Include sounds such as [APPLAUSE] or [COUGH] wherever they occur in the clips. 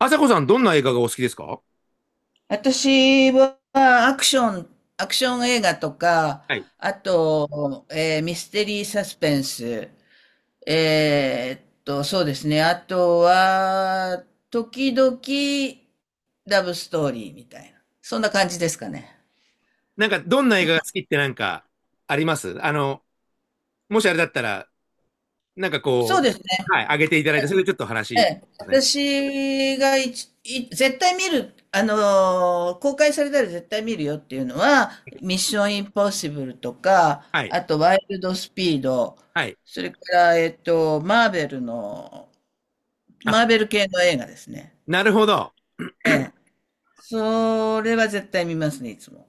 あさこさん、どんな映画がお好きですか？私はアクション映画とか、はい。あと、ミステリーサスペンス、そうですね。あとは、時々ラブストーリーみたいな。そんな感じですかね。どんな映画が好きってありますもしあれだったら、そうですね。はい、上げていただいて、それでちょっとえ話、え、そうですね。私がいちい絶対見る、公開されたら絶対見るよっていうのは、ミッションインポッシブルとか、はい、あとワイルドスピード、はい。それから、あ、マーベル系の映画ですね。なるほど。ええ。それは絶対見ますね、いつも。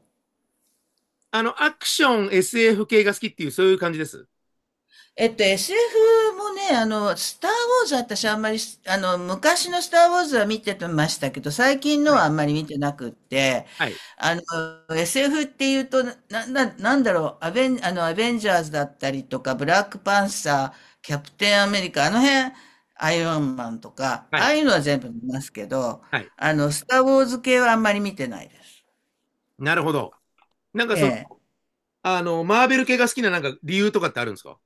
アクション、SF 系が好きっていう、そういう感じです。SF もね、スター・ウォーズは私あんまり昔のスター・ウォーズは見てましたけど、最近のははい、あんまり見てなくって、はい、あの、SF っていうと、なんだろう、アベンジャーズだったりとか、ブラックパンサー、キャプテンアメリカ、あの辺、アイアンマンとか、はあい、あいうのは全部見ますけど、はい。スター・ウォーズ系はあんまり見てないです。なるほど。なんかえその、え。マーベル系が好きな理由とかってあるんですか？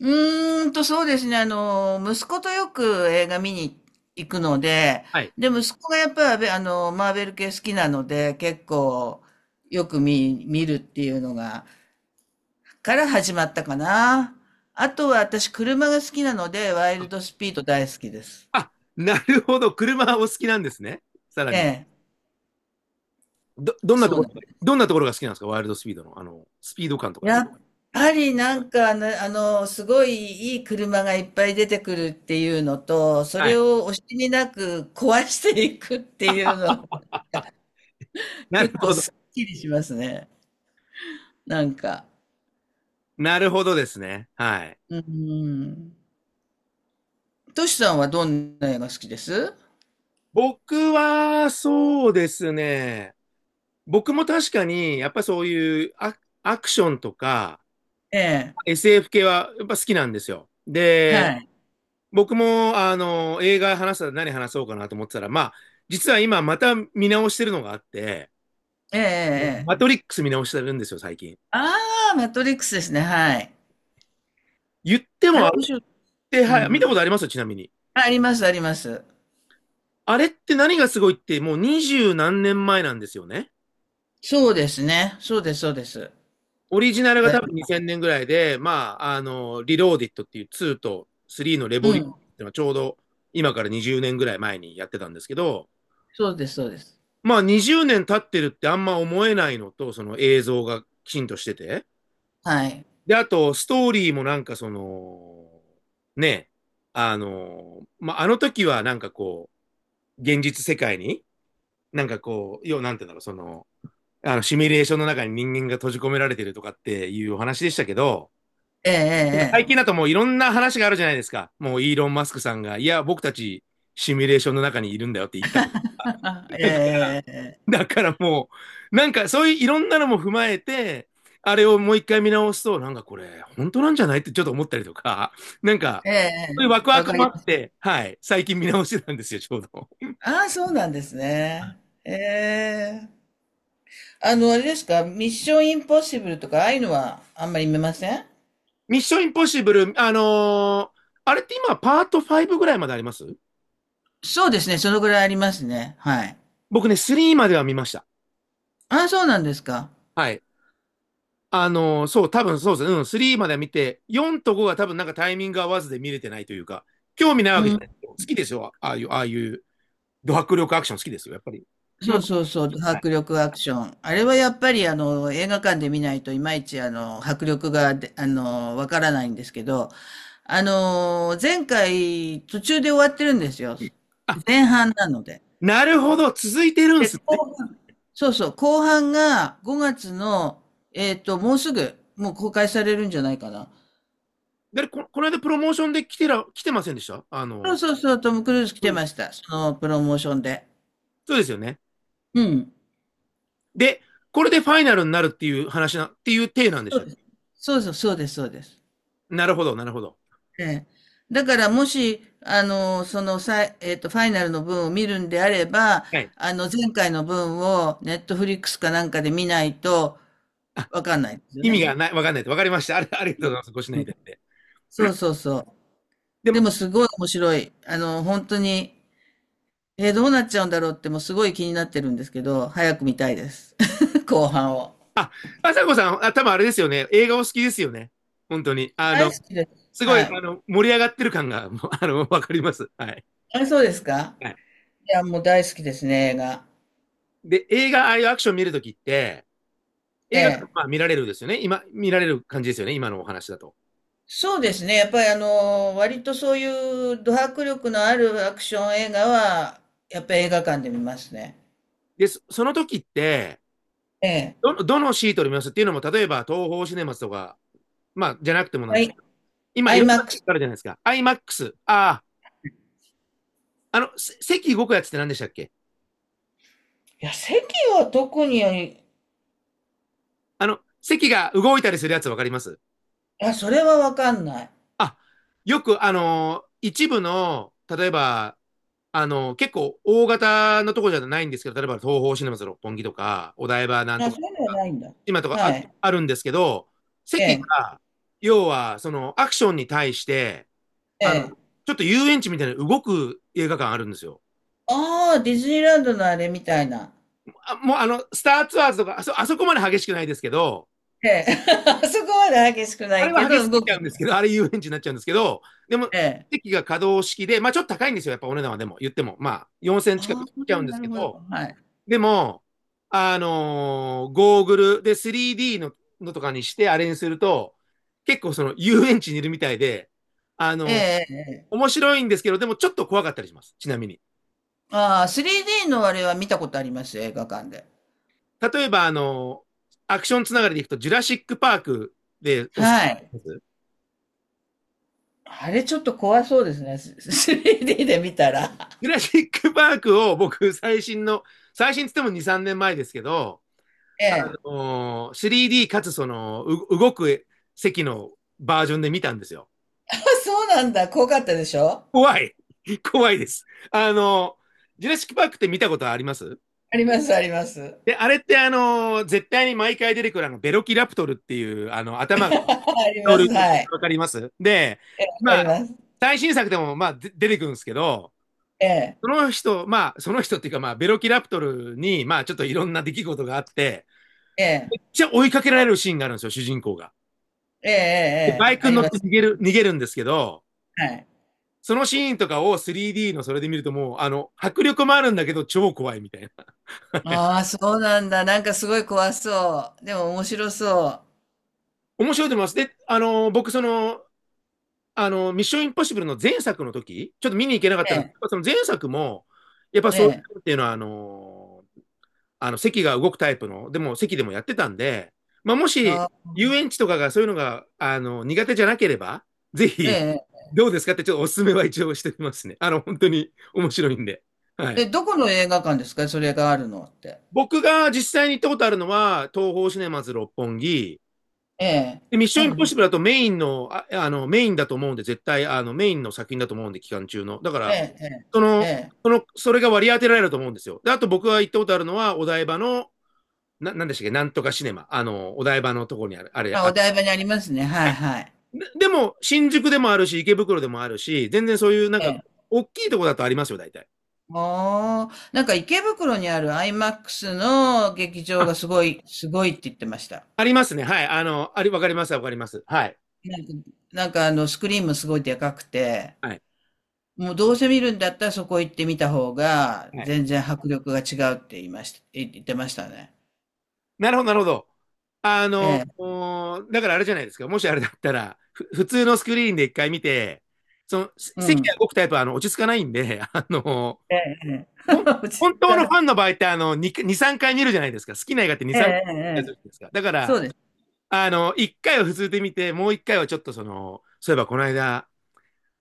そうですね。息子とよく映画見に行くので、はい。で、息子がやっぱり、マーベル系好きなので、結構、よく見るっていうのが、から始まったかな。あとは、私、車が好きなので、ワイルドスピード大好きです。あ、なるほど。車お好きなんですね。さらえに。え、どんなとそうこなろ、んです。どんなところが好きなんですか？ワイルドスピードの、スピード感とかですやか？っぱり、なんかね、すごいいい車がいっぱい出てくるっていうのと、そはれい。を惜しみなく壊していくっていうのなる結構ほど。すっきりしますね。なんか、なるほどですね。はい。うん。トシさんはどんな映画好きです？僕は、そうですね。僕も確かに、やっぱそういうアクションとか、ええ、SF 系は、やっぱ好きなんですよ。で、はい。僕も、映画話したら何話そうかなと思ってたら、まあ、実は今、また見直してるのがあって、ええええうんえマえ。トリックス見直してるんですよ、最近。ああ、マトリックスですね、はい。言ってあも、れあれっ面白い。て、うはい、見ん。たことありますよ、ちなみに。あ、ありますあります。あれって何がすごいって、もう二十何年前なんですよね。そうですね。そうですそうです。オリジナルがだ多い分2000年ぐらいで、まあ、リローディットっていう2と3のレうボリューシん。ョンっていうのはちょうど今から20年ぐらい前にやってたんですけど、そうですそうです。まあ20年経ってるってあんま思えないのと、その映像がきちんとしてて。はい。で、あと、ストーリーもね、まあ、あの時は現実世界に、なんかこう、要はなんていうんだろう、その、あの、シミュレーションの中に人間が閉じ込められてるとかっていうお話でしたけど、え最え近えだともういろんな話があるじゃないですか。もうイーロン・マスクさんが、いや、僕たちシミュレーションの中にいるんだよってえええ。言った。[LAUGHS] [LAUGHS] ええええええ。だからもう、なんかそういういろんなのも踏まえて、あれをもう一回見直すと、これ、本当なんじゃないってちょっと思ったりとか、[LAUGHS] なんか、ええそういうえワクえ。ワわクかもりあまっす。て、はい、最近見直してたんですよ、ちょうど。ああ、そうなんですね。ええ。あれですか、ミッションインポッシブルとか、ああいうのはあんまり見ません？ミッション・インポッシブル、あれって今、パート5ぐらいまであります？そうですね、そのぐらいありますね。はい。僕ね、3までは見ました。ああ、そうなんですか。はい。そう、多分そうですね。うん、3までは見て、4と5が多分なんかタイミング合わずで見れてないというか、興味ないうわけじゃない。ん。好きですよ。ああいう、ド迫力アクション好きですよ。やっぱり。気そ持ち、うそうそう、迫力アクション。あれはやっぱり、映画館で見ないといまいち、迫力がで、あの、わからないんですけど、前回、途中で終わってるんですよ。あ、前半なので。なるほど。続いてるんすで、ね。後半、そうそう、後半が5月の、もうすぐ、もう公開されるんじゃないかな。で、この間プロモーションで来てませんでした？あその、うそうそう、トム・クルーズ来うてん、ました。そのプロモーションで。そうですよね。うん。で、これでファイナルになるっていう話な、っていう体なんでしそうた。です。そうそう、そうです、そうです。なるほど、なるほど。ええ。だから、もし、あの、その、さい、えっと、ファイナルの分を見るんであれば、はい。前回の分を、ネットフリックスかなんかで見ないと、わかんないですよ意味ね。がない、わかんないと。わかりました。ありがとうございます。ご指う南いん。ただいて。そうそうそう。ででも、も、すごい面白い。本当に、どうなっちゃうんだろうって、もうすごい気になってるんですけど、早く見たいです。[LAUGHS] 後半を。ああさこさん、あ、多分あれですよね。映画お好きですよね。本当に。あ大の、好きです。すごはい、あい。の、盛り上がってる感が、もうあの、わかります。はい。あ、そうですか？はい。いや、もう大好きですね、映画。で、映画、ああいうアクション見るときって、え映画、え。まあ見られるですよね。今、見られる感じですよね。今のお話だと。そうですね。やっぱり、割とそういうド迫力のあるアクション映画は、やっぱり映画館で見ますね。で、その時って、ええ。どのシートで見ますっていうのも、例えば、東宝シネマズとか、まあ、じゃなくてもなんはですけい。ど、今、アいイろんマッなク席ス？があるじゃないですか。IMAX。あ、あ、席動くやつって何でしたっけ？いや、席は特に、いあの、席が動いたりするやつわかります？や、それはわかんない。あ、よく、一部の、例えば、結構大型のところじゃないんですけど、例えば東宝シネマズ六本木とか、お台場なんとあ、かそうというのか、はないんだ。今とかはい。あるんですけど、え席え。が、要は、その、アクションに対して、えあの、え。ちょっと遊園地みたいな動く映画館あるんですよ。ああ、ディズニーランドのあれみたいな。あ、もう、あの、スターツアーズとか、あそこまで激しくないですけど、ええ。[LAUGHS] そこまで激しくなあれいけは激しど、すぎ動く。ちゃうんですけど、あれ遊園地になっちゃうんですけど、でも、ええ。席が可動式で、まあちょっと高いんですよ、やっぱお値段はでも、言っても、まあ4000近くあしちゃうんあ、でなすけるほど。ど、はい。でも、ゴーグルで 3D のとかにしてあれにすると、結構その遊園地にいるみたいで、あえのーえ。ええ、面白いんですけど、でもちょっと怖かったりします、ちなみに。ああ、3D のあれは見たことありますよ、映画館で。例えば、アクションつながりでいくと、ジュラシック・パークです。はい。あれちょっと怖そうですね、3D で見たら。[LAUGHS] ジュラシック・パークを僕、最新っつっても2、3年前ですけど、えあえ。のー 3D かつその、動く席のバージョンで見たんですよ。あ、そうなんだ、怖かったでしょ？怖い、 [LAUGHS] 怖いです。ジュラシック・パークって見たことあります？あります、あります。で、あれって絶対に毎回出てくるあの、ベロキラプトルっていう、あの、[LAUGHS] 頭が、あり恐ま竜す、の毛はい。わかります？で、ええ、わかまりあ、ます。最新作でも、まあ、で出てくるんですけど、えそえ、の人、まあ、その人っていうか、まあ、ベロキラプトルに、まあ、ちょっといろんな出来事があって、ええ、じゃあ追いかけられるシーンがあるんですよ、主人公が。ええ、えでえ、バええイクあにり乗っまてす。逃げるんですけど、はい。そのシーンとかを 3D のそれで見るともう、あの、迫力もあるんだけど、超怖いみたいな。ああ、そうなんだ。なんかすごい怖そう。でも面白そう。面白いと思います。で、あの、ミッションインポッシブルの前作の時、ちょっと見に行けなかったえんですけえ、ど、その前作も、やっぱえそういえ、うのっていうのは、あの、あの、席が動くタイプの、でも席でもやってたんで、まあ、もし、あ、遊園地とかがそういうのが、あの、苦手じゃなければ、ぜえひ、え。どうですかってちょっとお勧めは一応してみますね。あの、本当に面白いんで。はえ、い。どこの映画館ですか？それがあるのって。僕が実際に行ったことあるのは、東宝シネマズ六本木、ええ。でミッションインポッあ、シブルだとメインの、あの、メインだと思うんで、絶対、あの、メインの作品だと思うんで、期間中の。だかえら、え、えそえ、えの、え。それが割り当てられると思うんですよ。で、あと僕が行ったことあるのは、お台場のなんでしたっけ、なんとかシネマ。あの、お台場のとこにある、あれ、あ、あ、お台場にありますね。はいはい。でも、新宿でもあるし、池袋でもあるし、全然そういう、なんえか、え。大きいとこだとありますよ、大体。もう、なんか池袋にあるアイマックスの劇場あ、がすごい、すごいって言ってました。ありますね。はい。あの、あり、わかります、わかります。はい。なんか、スクリーンもすごいでかくて、はい。もうどうせ見るんだったらそこ行ってみた方が、はい。全然迫力が違うって言いました、言ってましたね。なるほど、なるほど。あえの、え、だからあれじゃないですか。もしあれだったら、普通のスクリーンで一回見て、う席がん。動くタイプは、あの、落ち着かないんで、[LAUGHS] あの、ええ、ええ。ほん、[LAUGHS] 落ち着本当かのなファい。ンの場合って、あの、2、2、3回見るじゃないですか。好きな映画って2、ええ、3回ええ、見るじゃええ、ないですか。だかそら、うです。あの、一回は普通で見て、もう一回はちょっとその、そういえばこの間、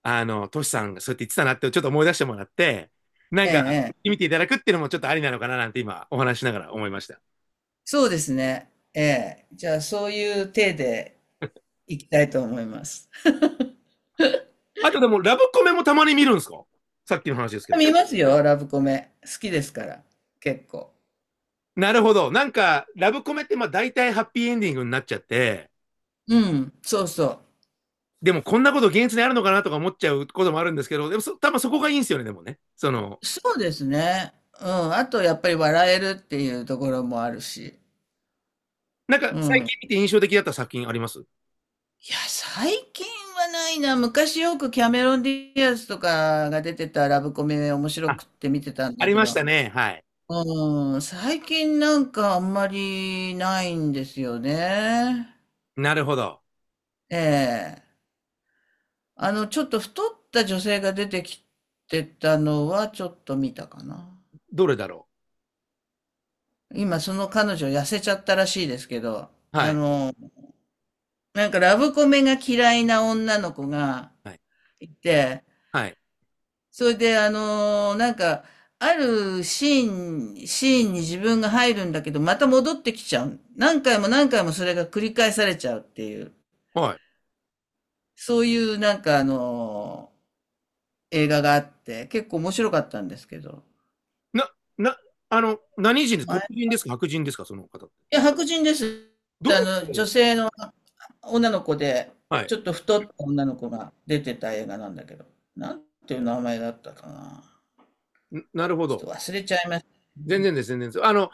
あの、トシさんがそうやって言ってたなってちょっと思い出してもらって、なえんえ、か、ええ。見ていただくっていうのもちょっとありなのかななんて今お話しながら思いました。そうですね。ええ。じゃあ、そういう体で、行きたいと思います。あとでも、ラブコメもたまに見るんですか？さっきの話ですけど。見ますよ、ラブコメ。好きですから、結構。なるほど。なんか、ラブコメってまあ大体ハッピーエンディングになっちゃって、うん、そうそでもこんなこと現実にあるのかなとか思っちゃうこともあるんですけど、でもそ多分そこがいいんですよね、でもね。その、う。そうですね。うん、あとやっぱり笑えるっていうところもあるし。なんかう最ん。い近見て印象的だった作品あります？や、最近はないな。昔よくキャメロン・ディアスとかが出てたラブコメ面白あ、くって見てたんあだりけましど、たね。はい。うん、最近なんかあんまりないんですよね。なるほど。ええ。ちょっと太った女性が出てきてたのはちょっと見たかな。どれだろ今その彼女痩せちゃったらしいですけど、う？はい。なんかラブコメが嫌いな女の子がはい。いて、はい。それであるシーンに自分が入るんだけど、また戻ってきちゃう。何回も何回もそれが繰り返されちゃうっていう、はい。そういう映画があって、結構面白かったんですけど。な、な、あの、何人です？黒前人ですか？白人ですか？その方って。いや、白人です。どの、あの、女性の女の子で、はい。ちょっと太った女の子が出てた映画なんだけど、なんていう名前だったかな。なるほちど。ょっと忘れちゃいまし全然です。あの、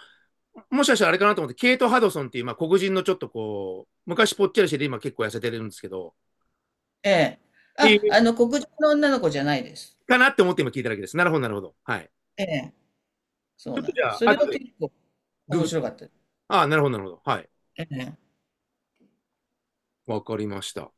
もしかしたらあれかなと思って、ケイト・ハドソンっていう、まあ、黒人のちょっとこう、昔ぽっちゃりしてて、今結構痩せてるんですけど、た。ええ。いあ、い黒人の女の子じゃないです。かなって思って今聞いただけです。なるほど、なるほど。はい。ええ。ちそょうっとなんじでゃす。あ、それ後はで結構グ面グっ白かて。ったです。ああ、なるほど、なるほど。はい。ええ。わかりました。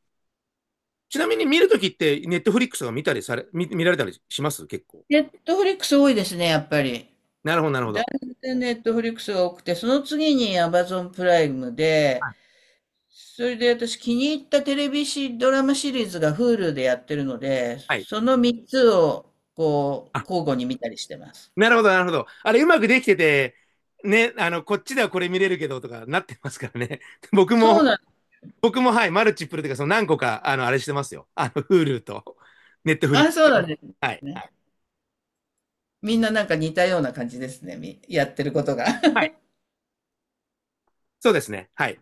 ちなみに見るときって、ネットフリックスが見られたりします？結構。ネットフリックス多いですね、やっぱり。なるほど、なるほだいど。ぶネットフリックスが多くて、その次にアマゾンプライムで、はい。それで私気に入ったテレビシドラマシリーズが Hulu でやってるので、はい、その3つをこうあ、交互に見たりしてます。なるほど、なるほど。あれ、うまくできてて、ね、あの、こっちではこれ見れるけどとかなってますからね。[LAUGHS] 僕そうなも、ん、僕も、はい、マルチプルというか、その何個か、あの、あれしてますよ。あの、Hulu と、Netflix。あ、そうなんではい。すね。みんななんか似たような感じですね。やってることが。はい。[LAUGHS] そうですね。はい。